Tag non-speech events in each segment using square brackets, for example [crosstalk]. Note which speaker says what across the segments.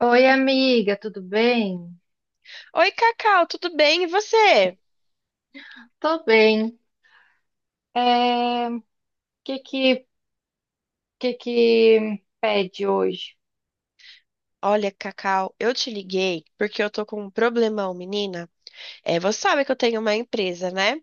Speaker 1: Oi, amiga, tudo bem?
Speaker 2: Oi, Cacau, tudo bem? E você?
Speaker 1: Tô bem. O que que, que que pede hoje?
Speaker 2: Olha, Cacau, eu te liguei porque eu tô com um problemão, menina. Você sabe que eu tenho uma empresa, né?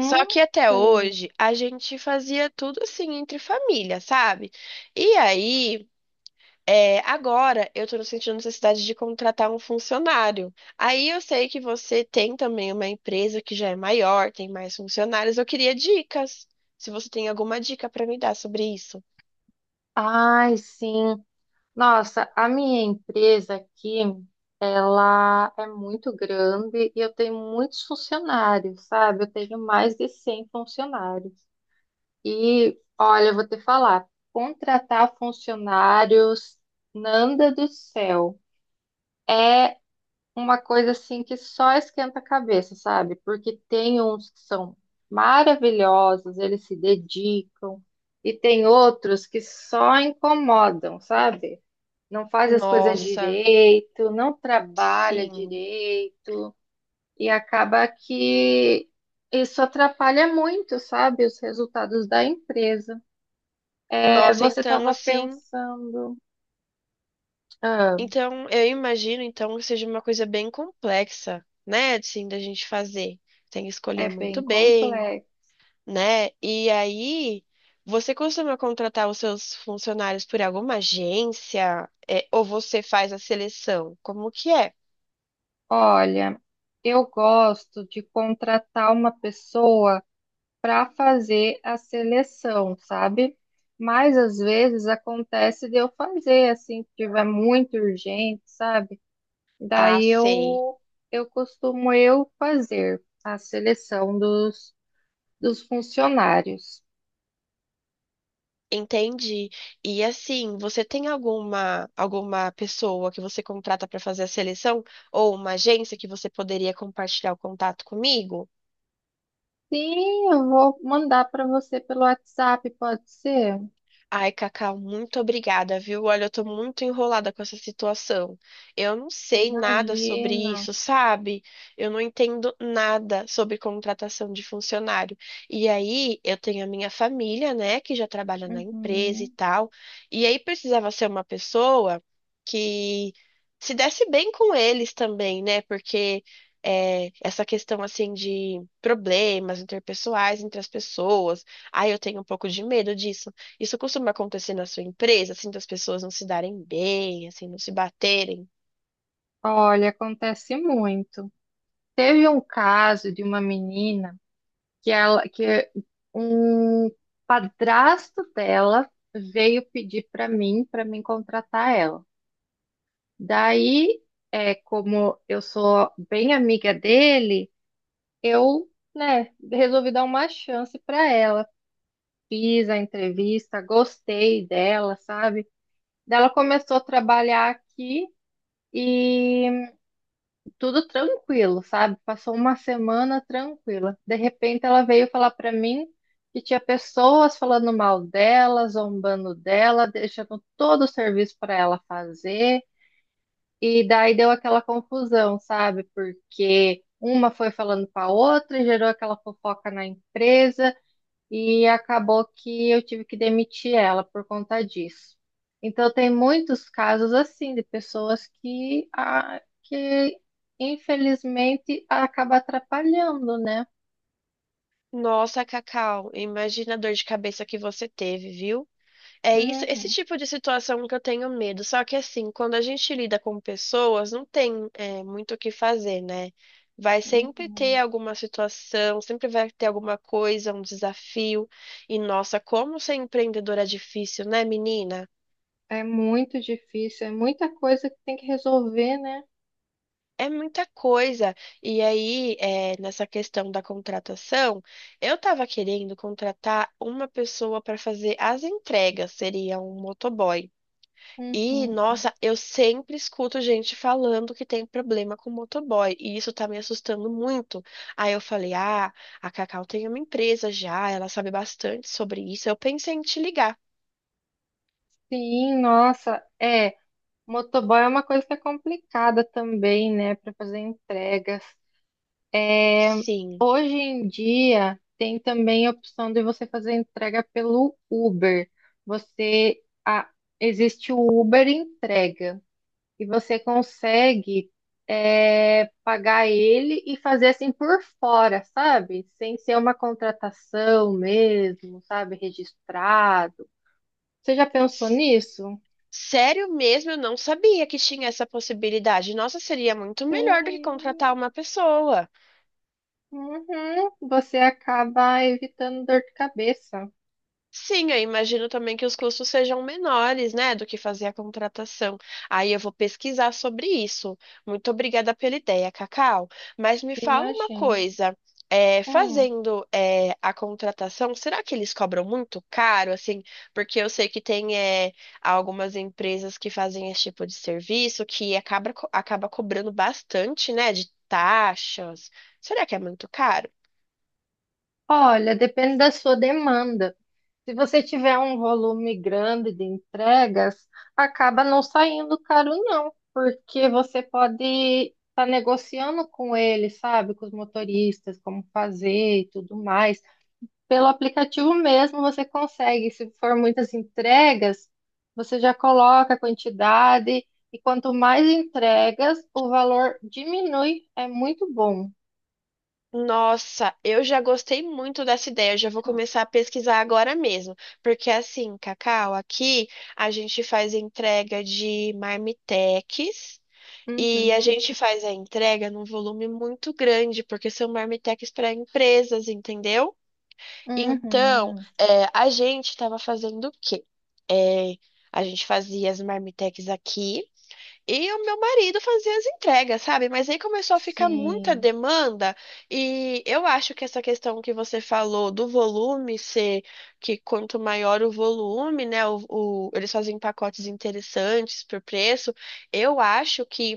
Speaker 2: Só que até
Speaker 1: sei.
Speaker 2: hoje a gente fazia tudo assim entre família, sabe? E aí, agora eu tô sentindo necessidade de contratar um funcionário. Aí eu sei que você tem também uma empresa que já é maior, tem mais funcionários. Eu queria dicas. Se você tem alguma dica pra me dar sobre isso.
Speaker 1: Ai, sim. Nossa, a minha empresa aqui, ela é muito grande e eu tenho muitos funcionários, sabe? Eu tenho mais de 100 funcionários. E, olha, eu vou te falar, contratar funcionários, Nanda do céu. Uma coisa assim que só esquenta a cabeça, sabe? Porque tem uns que são maravilhosos, eles se dedicam, e tem outros que só incomodam, sabe? Não faz as coisas
Speaker 2: Nossa,
Speaker 1: direito, não trabalha
Speaker 2: sim.
Speaker 1: direito, e acaba que isso atrapalha muito, sabe? Os resultados da empresa. É,
Speaker 2: Nossa,
Speaker 1: você
Speaker 2: então
Speaker 1: estava
Speaker 2: assim,
Speaker 1: pensando, ah,
Speaker 2: então eu imagino então que seja uma coisa bem complexa, né, assim, da gente fazer. Tem que
Speaker 1: é
Speaker 2: escolher muito
Speaker 1: bem
Speaker 2: bem,
Speaker 1: complexo.
Speaker 2: né? E aí, você costuma contratar os seus funcionários por alguma agência, ou você faz a seleção? Como que é?
Speaker 1: Olha, eu gosto de contratar uma pessoa para fazer a seleção, sabe? Mas às vezes acontece de eu fazer assim, se tiver muito urgente, sabe?
Speaker 2: Ah,
Speaker 1: Daí
Speaker 2: sei.
Speaker 1: eu eu costumo eu fazer a seleção dos funcionários.
Speaker 2: Entendi. E assim, você tem alguma pessoa que você contrata para fazer a seleção ou uma agência que você poderia compartilhar o contato comigo?
Speaker 1: Sim, eu vou mandar para você pelo WhatsApp, pode ser?
Speaker 2: Ai, Cacau, muito obrigada, viu? Olha, eu tô muito enrolada com essa situação. Eu não sei nada sobre
Speaker 1: Imagina.
Speaker 2: isso, sabe? Eu não entendo nada sobre contratação de funcionário. E aí, eu tenho a minha família, né, que já trabalha na empresa e
Speaker 1: Uhum.
Speaker 2: tal. E aí, precisava ser uma pessoa que se desse bem com eles também, né? Porque essa questão assim de problemas interpessoais entre as pessoas. Ai, eu tenho um pouco de medo disso. Isso costuma acontecer na sua empresa, assim, das pessoas não se darem bem, assim, não se baterem?
Speaker 1: Olha, acontece muito. Teve um caso de uma menina que ela que um padrasto dela veio pedir para mim para me contratar ela. Daí, como eu sou bem amiga dele, eu, né, resolvi dar uma chance para ela. Fiz a entrevista, gostei dela, sabe? Daí ela começou a trabalhar aqui e tudo tranquilo, sabe? Passou uma semana tranquila. De repente ela veio falar pra mim que tinha pessoas falando mal dela, zombando dela, deixando todo o serviço pra ela fazer. E daí deu aquela confusão, sabe? Porque uma foi falando pra outra e gerou aquela fofoca na empresa e acabou que eu tive que demitir ela por conta disso. Então, tem muitos casos assim de pessoas que, ah, que infelizmente, acaba atrapalhando, né?
Speaker 2: Nossa, Cacau, imagina a dor de cabeça que você teve, viu? É isso, esse
Speaker 1: Uhum,
Speaker 2: tipo de situação que eu tenho medo. Só que assim, quando a gente lida com pessoas, não tem, é, muito o que fazer, né? Vai sempre ter
Speaker 1: uhum.
Speaker 2: alguma situação, sempre vai ter alguma coisa, um desafio. E nossa, como ser empreendedora é difícil, né, menina?
Speaker 1: É muito difícil, é muita coisa que tem que resolver, né?
Speaker 2: É muita coisa. E aí, nessa questão da contratação, eu estava querendo contratar uma pessoa para fazer as entregas, seria um motoboy. E,
Speaker 1: Uhum.
Speaker 2: nossa, eu sempre escuto gente falando que tem problema com motoboy, e isso tá me assustando muito. Aí eu falei: ah, a Cacau tem uma empresa já, ela sabe bastante sobre isso. Eu pensei em te ligar.
Speaker 1: Sim, nossa, é. Motoboy é uma coisa que é complicada também, né, para fazer entregas.
Speaker 2: Sim.
Speaker 1: Hoje em dia tem também a opção de você fazer entrega pelo Uber. Você a- existe o Uber entrega e você consegue pagar ele e fazer assim por fora, sabe? Sem ser uma contratação mesmo, sabe? Registrado. Você já pensou nisso?
Speaker 2: Sério mesmo, eu não sabia que tinha essa possibilidade. Nossa, seria muito melhor do que
Speaker 1: Sim.
Speaker 2: contratar uma pessoa.
Speaker 1: Uhum. Você acaba evitando dor de cabeça.
Speaker 2: Sim, eu imagino também que os custos sejam menores, né, do que fazer a contratação. Aí eu vou pesquisar sobre isso. Muito obrigada pela ideia, Cacau. Mas me fala uma
Speaker 1: Imagina.
Speaker 2: coisa, é,
Speaker 1: Hum.
Speaker 2: fazendo é, a contratação, será que eles cobram muito caro, assim? Porque eu sei que tem algumas empresas que fazem esse tipo de serviço que acaba cobrando bastante, né, de taxas. Será que é muito caro?
Speaker 1: Olha, depende da sua demanda. Se você tiver um volume grande de entregas, acaba não saindo caro, não, porque você pode estar negociando com eles, sabe, com os motoristas, como fazer e tudo mais. Pelo aplicativo mesmo você consegue. Se for muitas entregas, você já coloca a quantidade e quanto mais entregas, o valor diminui. É muito bom.
Speaker 2: Nossa, eu já gostei muito dessa ideia. Eu já vou começar a pesquisar agora mesmo. Porque assim, Cacau, aqui a gente faz entrega de marmitex e a
Speaker 1: Uhum,
Speaker 2: gente faz a entrega num volume muito grande, porque são marmitex para empresas, entendeu? Então,
Speaker 1: uhum,
Speaker 2: a gente estava fazendo o quê? É, a gente fazia as marmitex aqui. E o meu marido fazia as entregas, sabe? Mas aí começou a ficar muita
Speaker 1: sim.
Speaker 2: demanda, e eu acho que essa questão que você falou do volume ser que quanto maior o volume, né? Eles fazem pacotes interessantes por preço. Eu acho que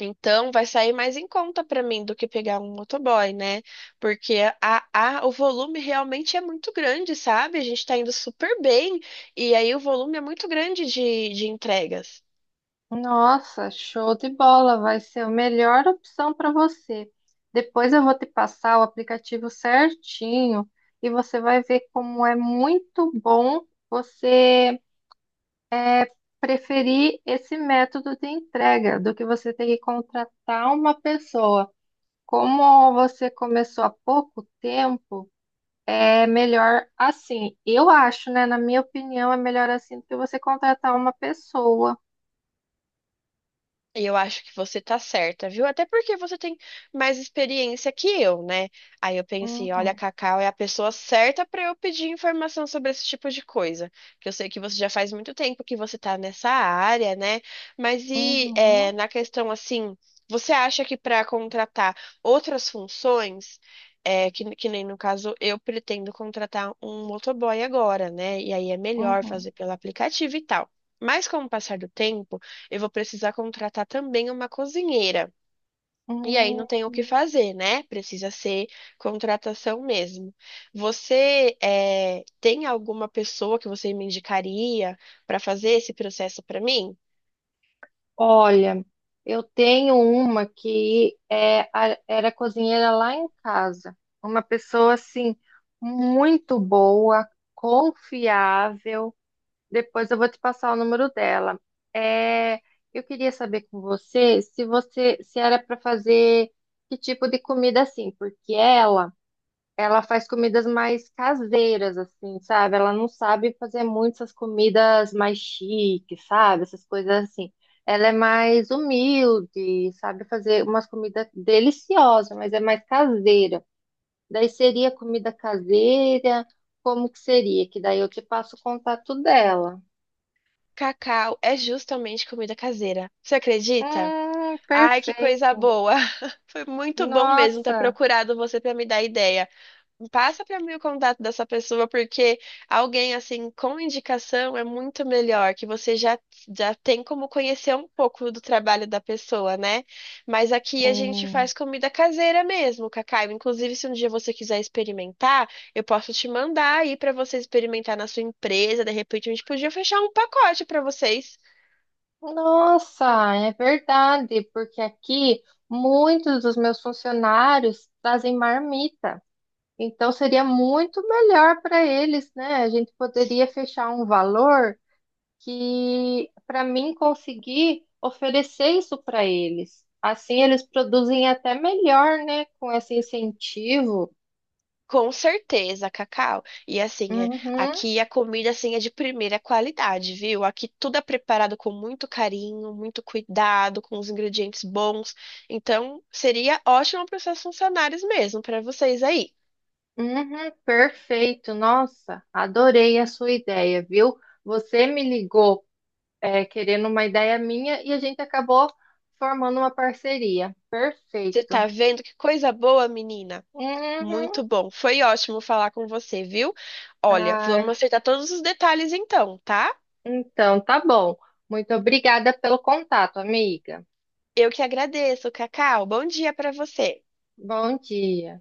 Speaker 2: então vai sair mais em conta para mim do que pegar um motoboy, né? Porque o volume realmente é muito grande, sabe? A gente tá indo super bem, e aí o volume é muito grande de entregas.
Speaker 1: Nossa, show de bola, vai ser a melhor opção para você. Depois eu vou te passar o aplicativo certinho e você vai ver como é muito bom você preferir esse método de entrega do que você ter que contratar uma pessoa. Como você começou há pouco tempo, é melhor assim. Eu acho, né? Na minha opinião, é melhor assim do que você contratar uma pessoa.
Speaker 2: E eu acho que você tá certa, viu? Até porque você tem mais experiência que eu, né? Aí eu pensei, olha, a
Speaker 1: Uhum,
Speaker 2: Cacau é a pessoa certa para eu pedir informação sobre esse tipo de coisa. Que eu sei que você já faz muito tempo que você tá nessa área, né? Mas
Speaker 1: uhum,
Speaker 2: na questão assim, você acha que para contratar outras funções, que nem no caso eu pretendo contratar um motoboy agora, né? E aí é melhor
Speaker 1: uhum.
Speaker 2: fazer pelo aplicativo e tal. Mas com o passar do tempo eu vou precisar contratar também uma cozinheira. E aí
Speaker 1: Hum.
Speaker 2: não tem o que fazer, né? Precisa ser contratação mesmo. Você tem alguma pessoa que você me indicaria para fazer esse processo para mim?
Speaker 1: Olha, eu tenho uma que era cozinheira lá em casa. Uma pessoa assim, muito boa, confiável. Depois eu vou te passar o número dela. É, eu queria saber com você se era para fazer que tipo de comida assim, porque ela faz comidas mais caseiras, assim, sabe? Ela não sabe fazer muitas comidas mais chiques, sabe? Essas coisas assim. Ela é mais humilde, sabe? Fazer umas comidas deliciosas, mas é mais caseira. Daí seria comida caseira, como que seria? Que daí eu te passo o contato dela.
Speaker 2: Cacau, é justamente comida caseira. Você acredita? Ai, que coisa
Speaker 1: Perfeito.
Speaker 2: boa! [laughs] Foi muito bom mesmo ter
Speaker 1: Nossa,
Speaker 2: procurado você para me dar ideia. Passa para mim o contato dessa pessoa, porque alguém assim com indicação é muito melhor, que você já tem como conhecer um pouco do trabalho da pessoa, né? Mas aqui a gente
Speaker 1: sim.
Speaker 2: faz comida caseira mesmo, Cacau. Inclusive, se um dia você quiser experimentar, eu posso te mandar aí para você experimentar na sua empresa. De repente, a gente podia fechar um pacote para vocês.
Speaker 1: Nossa, é verdade, porque aqui muitos dos meus funcionários trazem marmita. Então seria muito melhor para eles, né? A gente poderia fechar um valor que para mim conseguir oferecer isso para eles. Assim eles produzem até melhor, né? Com esse incentivo.
Speaker 2: Com certeza, Cacau. E assim,
Speaker 1: Uhum,
Speaker 2: aqui a comida assim é de primeira qualidade, viu? Aqui tudo é preparado com muito carinho, muito cuidado, com os ingredientes bons. Então, seria ótimo para os seus funcionários mesmo, para vocês aí.
Speaker 1: uhum, perfeito. Nossa, adorei a sua ideia, viu? Você me ligou querendo uma ideia minha e a gente acabou formando uma parceria.
Speaker 2: Você tá
Speaker 1: Perfeito.
Speaker 2: vendo que coisa boa, menina?
Speaker 1: Uhum.
Speaker 2: Muito bom. Foi ótimo falar com você, viu? Olha, vamos
Speaker 1: Ai,
Speaker 2: acertar todos os detalhes então, tá?
Speaker 1: então, tá bom. Muito obrigada pelo contato, amiga.
Speaker 2: Eu que agradeço, Cacau. Bom dia para você.
Speaker 1: Bom dia.